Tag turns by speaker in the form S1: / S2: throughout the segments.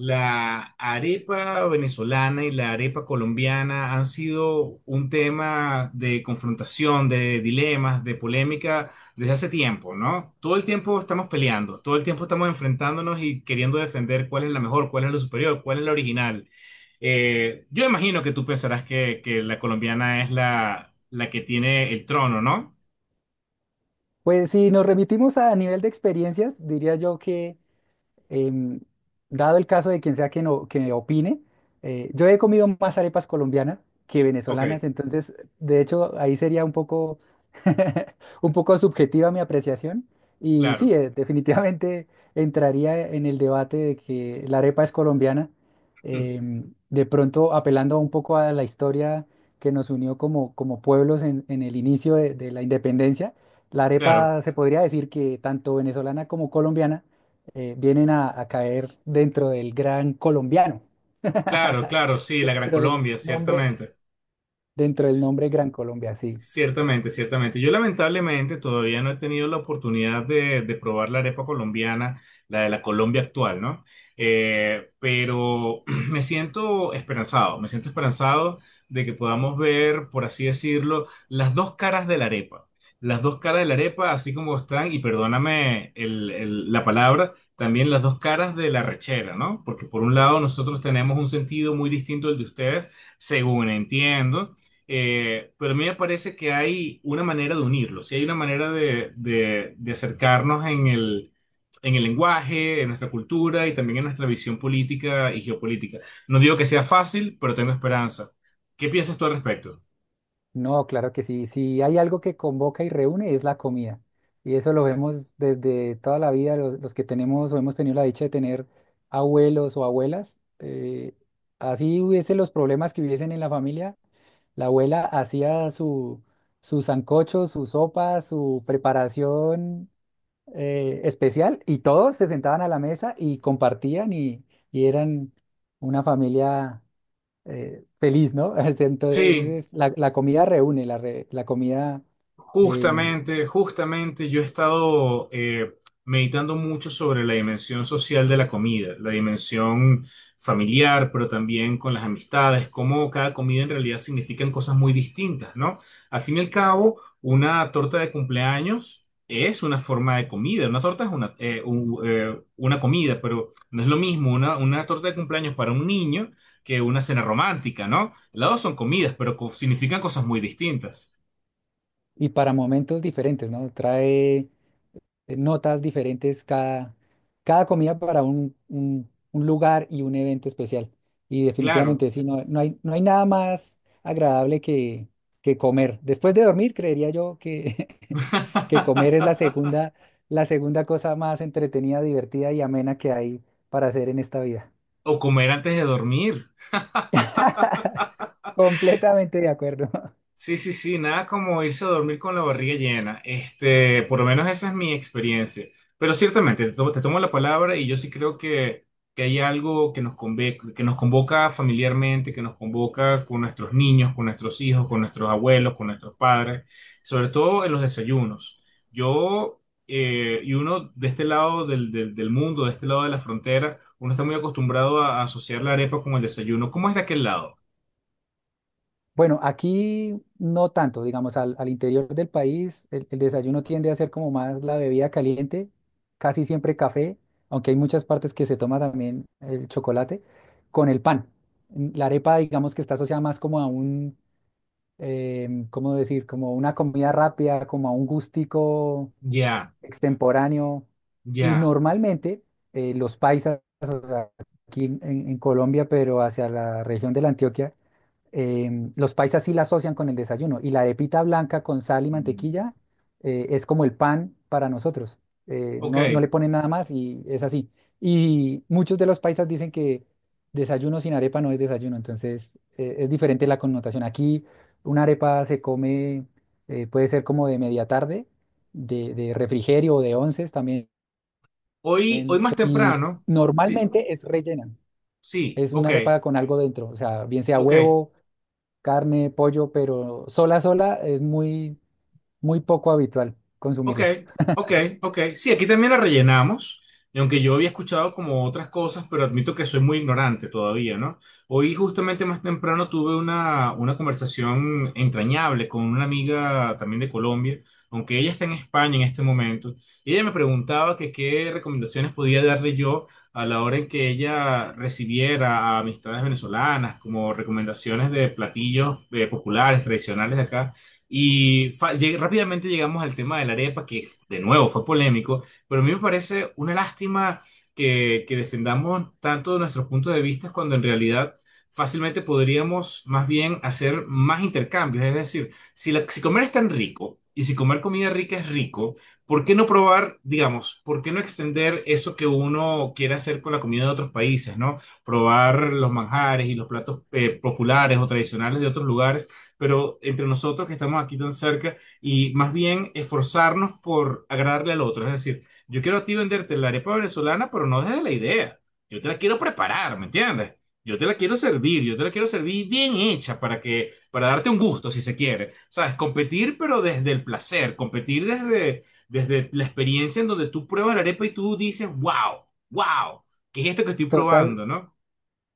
S1: La arepa venezolana y la arepa colombiana han sido un tema de confrontación, de dilemas, de polémica desde hace tiempo, ¿no? Todo el tiempo estamos peleando, todo el tiempo estamos enfrentándonos y queriendo defender cuál es la mejor, cuál es la superior, cuál es la original. Yo imagino que tú pensarás que la colombiana es la que tiene el trono, ¿no?
S2: Pues si nos remitimos a nivel de experiencias, diría yo que em, dado el caso de quien sea que, no, que opine, yo he comido más arepas colombianas que
S1: Ok,
S2: venezolanas. Entonces, de hecho, ahí sería un poco, un poco subjetiva mi apreciación. Y sí,
S1: claro,
S2: definitivamente entraría en el debate de que la arepa es colombiana,
S1: mm,
S2: de pronto apelando un poco a la historia que nos unió como, como pueblos en el inicio de la independencia. La
S1: claro,
S2: arepa se podría decir que tanto venezolana como colombiana vienen a caer dentro del gran colombiano,
S1: claro, claro, sí, la Gran
S2: dentro del
S1: Colombia,
S2: nombre,
S1: ciertamente.
S2: dentro del nombre Gran Colombia, sí.
S1: Ciertamente, ciertamente. Yo lamentablemente todavía no he tenido la oportunidad de probar la arepa colombiana, la de la Colombia actual, ¿no? Pero me siento esperanzado de que podamos ver, por así decirlo, las dos caras de la arepa. Las dos caras de la arepa, así como están, y perdóname la palabra, también las dos caras de la rechera, ¿no? Porque por un lado nosotros tenemos un sentido muy distinto del de ustedes, según entiendo. Pero a mí me parece que hay una manera de unirlos, y hay una manera de acercarnos en en el lenguaje, en nuestra cultura y también en nuestra visión política y geopolítica. No digo que sea fácil, pero tengo esperanza. ¿Qué piensas tú al respecto?
S2: No, claro que sí. Si hay algo que convoca y reúne es la comida. Y eso lo vemos desde toda la vida, los que tenemos o hemos tenido la dicha de tener abuelos o abuelas. Así hubiesen los problemas que hubiesen en la familia, la abuela hacía su, su sancocho, su sopa, su preparación especial, y todos se sentaban a la mesa y compartían, y eran una familia feliz, ¿no?
S1: Sí,
S2: Entonces la comida reúne, la comida eh,
S1: justamente, justamente yo he estado meditando mucho sobre la dimensión social de la comida, la dimensión familiar, pero también con las amistades, cómo cada comida en realidad significan cosas muy distintas, ¿no? Al fin y al cabo, una torta de cumpleaños es una forma de comida, una torta es una comida, pero no es lo mismo una torta de cumpleaños para un niño que una cena romántica, ¿no? Las dos son comidas, pero significan cosas muy distintas.
S2: y para momentos diferentes, ¿no? Trae notas diferentes cada, cada comida para un lugar y un evento especial. Y
S1: Claro.
S2: definitivamente sí, no, no hay, no hay nada más agradable que comer. Después de dormir, creería yo que comer es la segunda cosa más entretenida, divertida y amena que hay para hacer en esta vida.
S1: O comer antes de dormir.
S2: Completamente de acuerdo.
S1: Sí, sí, sí, nada como irse a dormir con la barriga llena. Este, por lo menos esa es mi experiencia. Pero ciertamente, te tomo la palabra y yo sí creo que hay algo que que nos convoca familiarmente, que nos convoca con nuestros niños, con nuestros hijos, con nuestros abuelos, con nuestros padres, sobre todo en los desayunos. Yo y uno de este lado del mundo, de este lado de la frontera, uno está muy acostumbrado a asociar la arepa con el desayuno. ¿Cómo es de aquel lado?
S2: Bueno, aquí no tanto, digamos, al, al interior del país el desayuno tiende a ser como más la bebida caliente, casi siempre café, aunque hay muchas partes que se toma también el chocolate, con el pan. Mm, la arepa, digamos que está asociada más como a un, ¿cómo decir? Como una comida rápida, como a un gustico
S1: Ya,
S2: extemporáneo. Y
S1: ya.
S2: normalmente los paisas, o sea, aquí en, en Colombia, pero hacia la región de la Antioquia, los paisas sí la asocian con el desayuno, y la arepita blanca con sal y
S1: Mm.
S2: mantequilla es como el pan para nosotros.
S1: Ok,
S2: No, no le ponen nada más y es así. Y muchos de los paisas dicen que desayuno sin arepa no es desayuno. Entonces, es diferente la connotación. Aquí una arepa se come, puede ser como de media tarde, de refrigerio o de onces también.
S1: hoy, hoy más
S2: Y
S1: temprano, sí,
S2: normalmente es rellena,
S1: sí,
S2: es una
S1: ok,
S2: arepa con algo dentro, o sea, bien sea
S1: ok.
S2: huevo, carne, pollo, pero sola, sola es muy, muy poco habitual
S1: Ok,
S2: consumirla.
S1: ok, ok. Sí, aquí también la rellenamos. Y aunque yo había escuchado como otras cosas, pero admito que soy muy ignorante todavía, ¿no? Hoy justamente más temprano tuve una conversación entrañable con una amiga también de Colombia, aunque ella está en España en este momento. Y ella me preguntaba que qué recomendaciones podía darle yo a la hora en que ella recibiera a amistades venezolanas como recomendaciones de platillos populares, tradicionales de acá. Y rápidamente llegamos al tema de la arepa, que de nuevo fue polémico, pero a mí me parece una lástima que defendamos tanto de nuestros puntos de vista cuando en realidad fácilmente podríamos más bien hacer más intercambios. Es decir, si, si comer es tan rico y si comer comida rica es rico, ¿por qué no probar, digamos, por qué no extender eso que uno quiere hacer con la comida de otros países, ¿no? Probar los manjares y los platos populares o tradicionales de otros lugares, pero entre nosotros que estamos aquí tan cerca y más bien esforzarnos por agradarle al otro. Es decir, yo quiero a ti venderte la arepa venezolana, pero no desde la idea. Yo te la quiero preparar, ¿me entiendes? Yo te la quiero servir, yo te la quiero servir bien hecha para que, para darte un gusto, si se quiere. ¿Sabes? Competir, pero desde el placer, competir desde la experiencia en donde tú pruebas la arepa y tú dices, wow, wow, ¿qué es esto que estoy
S2: Total,
S1: probando, no?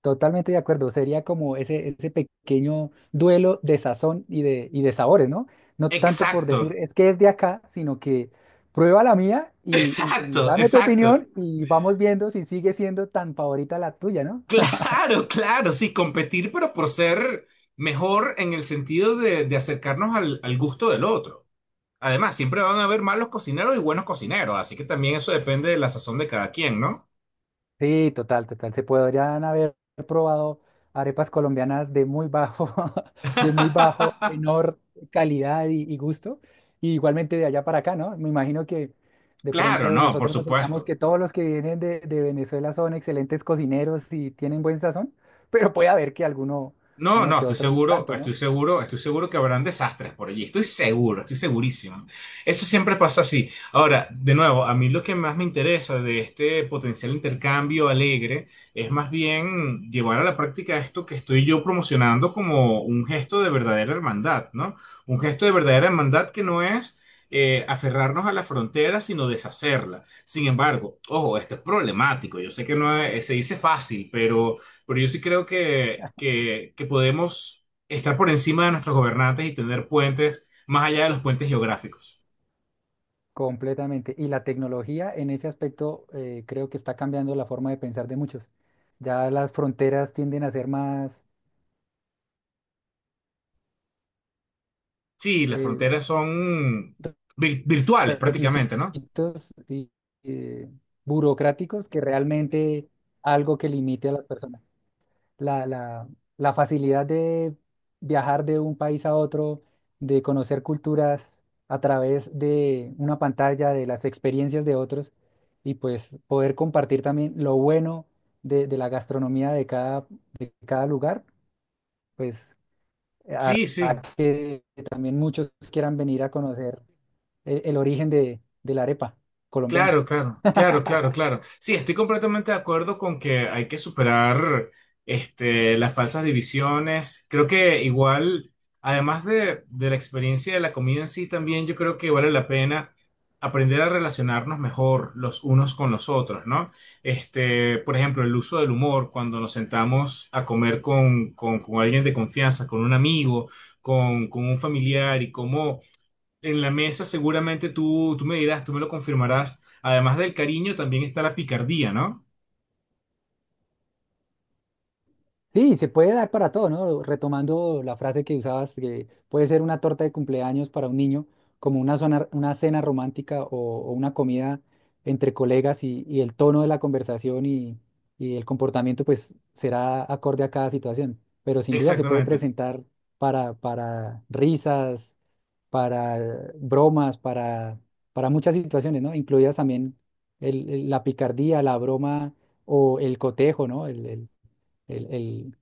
S2: totalmente de acuerdo. Sería como ese pequeño duelo de sazón y de sabores, ¿no? No tanto por decir
S1: Exacto,
S2: es que es de acá, sino que prueba la mía y, y
S1: exacto,
S2: dame tu
S1: exacto.
S2: opinión, y vamos viendo si sigue siendo tan favorita la tuya, ¿no?
S1: Claro, claro, sí, competir, pero por ser mejor en el sentido de acercarnos al gusto del otro. Además, siempre van a haber malos cocineros y buenos cocineros, así que también eso depende de la sazón de cada quien, ¿no?
S2: Sí, total, total. Se podrían haber probado arepas colombianas de muy bajo, de muy bajo, menor calidad y gusto. Y igualmente de allá para acá, ¿no? Me imagino que de
S1: Claro,
S2: pronto
S1: no, por
S2: nosotros asociamos
S1: supuesto.
S2: que todos los que vienen de Venezuela son excelentes cocineros y tienen buen sazón, pero puede haber que alguno,
S1: No,
S2: uno
S1: no,
S2: que
S1: estoy
S2: otro no
S1: seguro,
S2: tanto, ¿no?
S1: estoy seguro, estoy seguro que habrán desastres por allí. Estoy seguro, estoy segurísimo. Eso siempre pasa así. Ahora, de nuevo, a mí lo que más me interesa de este potencial intercambio alegre es más bien llevar a la práctica esto que estoy yo promocionando como un gesto de verdadera hermandad, ¿no? Un gesto de verdadera hermandad que no es aferrarnos a la frontera, sino deshacerla. Sin embargo, ojo, esto es problemático. Yo sé que no es- se dice fácil, pero... Pero yo sí creo que podemos estar por encima de nuestros gobernantes y tener puentes más allá de los puentes geográficos.
S2: Completamente. Y la tecnología en ese aspecto creo que está cambiando la forma de pensar de muchos. Ya las fronteras tienden a ser más
S1: Sí, las
S2: eh,
S1: fronteras son virtuales prácticamente, ¿no?
S2: requisitos y, eh, burocráticos que realmente algo que limite a las personas. La, la, la facilidad de viajar de un país a otro, de conocer culturas a través de una pantalla, de las experiencias de otros, y pues poder compartir también lo bueno de la gastronomía de cada lugar, pues
S1: Sí, sí.
S2: que también muchos quieran venir a conocer el origen de la arepa colombiana.
S1: Claro, claro, claro, claro, claro. Sí, estoy completamente de acuerdo con que hay que superar este, las falsas divisiones. Creo que igual, además de la experiencia de la comida en sí, también yo creo que vale la pena aprender a relacionarnos mejor los unos con los otros, ¿no? Este, por ejemplo, el uso del humor cuando nos sentamos a comer con alguien de confianza, con un amigo, con un familiar y cómo en la mesa seguramente tú me dirás, tú me lo confirmarás. Además del cariño, también está la picardía, ¿no?
S2: Sí, se puede dar para todo, ¿no? Retomando la frase que usabas, que puede ser una torta de cumpleaños para un niño, como una, una cena romántica o una comida entre colegas, y el tono de la conversación y el comportamiento, pues será acorde a cada situación, pero sin duda se puede
S1: Exactamente.
S2: presentar para risas, para bromas, para muchas situaciones, ¿no? Incluidas también la picardía, la broma o el cotejo, ¿no? El, el-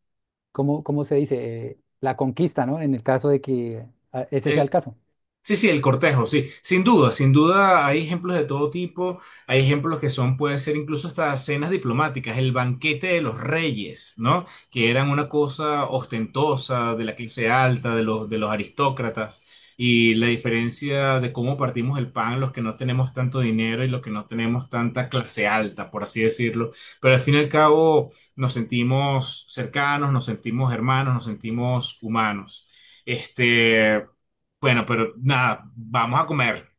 S2: ¿Cómo, cómo se dice? La conquista, ¿no? En el caso de que ese sea el
S1: El-
S2: caso.
S1: Sí, sí, el cortejo, sí. Sin duda, sin duda hay ejemplos de todo tipo. Hay ejemplos que son, pueden ser incluso hasta cenas diplomáticas, el banquete de los reyes, ¿no? Que eran una cosa ostentosa de la clase alta, de los aristócratas. Y la diferencia de cómo partimos el pan, los que no tenemos tanto dinero y los que no tenemos tanta clase alta, por así decirlo. Pero al fin y al cabo nos sentimos cercanos, nos sentimos hermanos, nos sentimos humanos. Este. Bueno, pero nada, vamos a comer.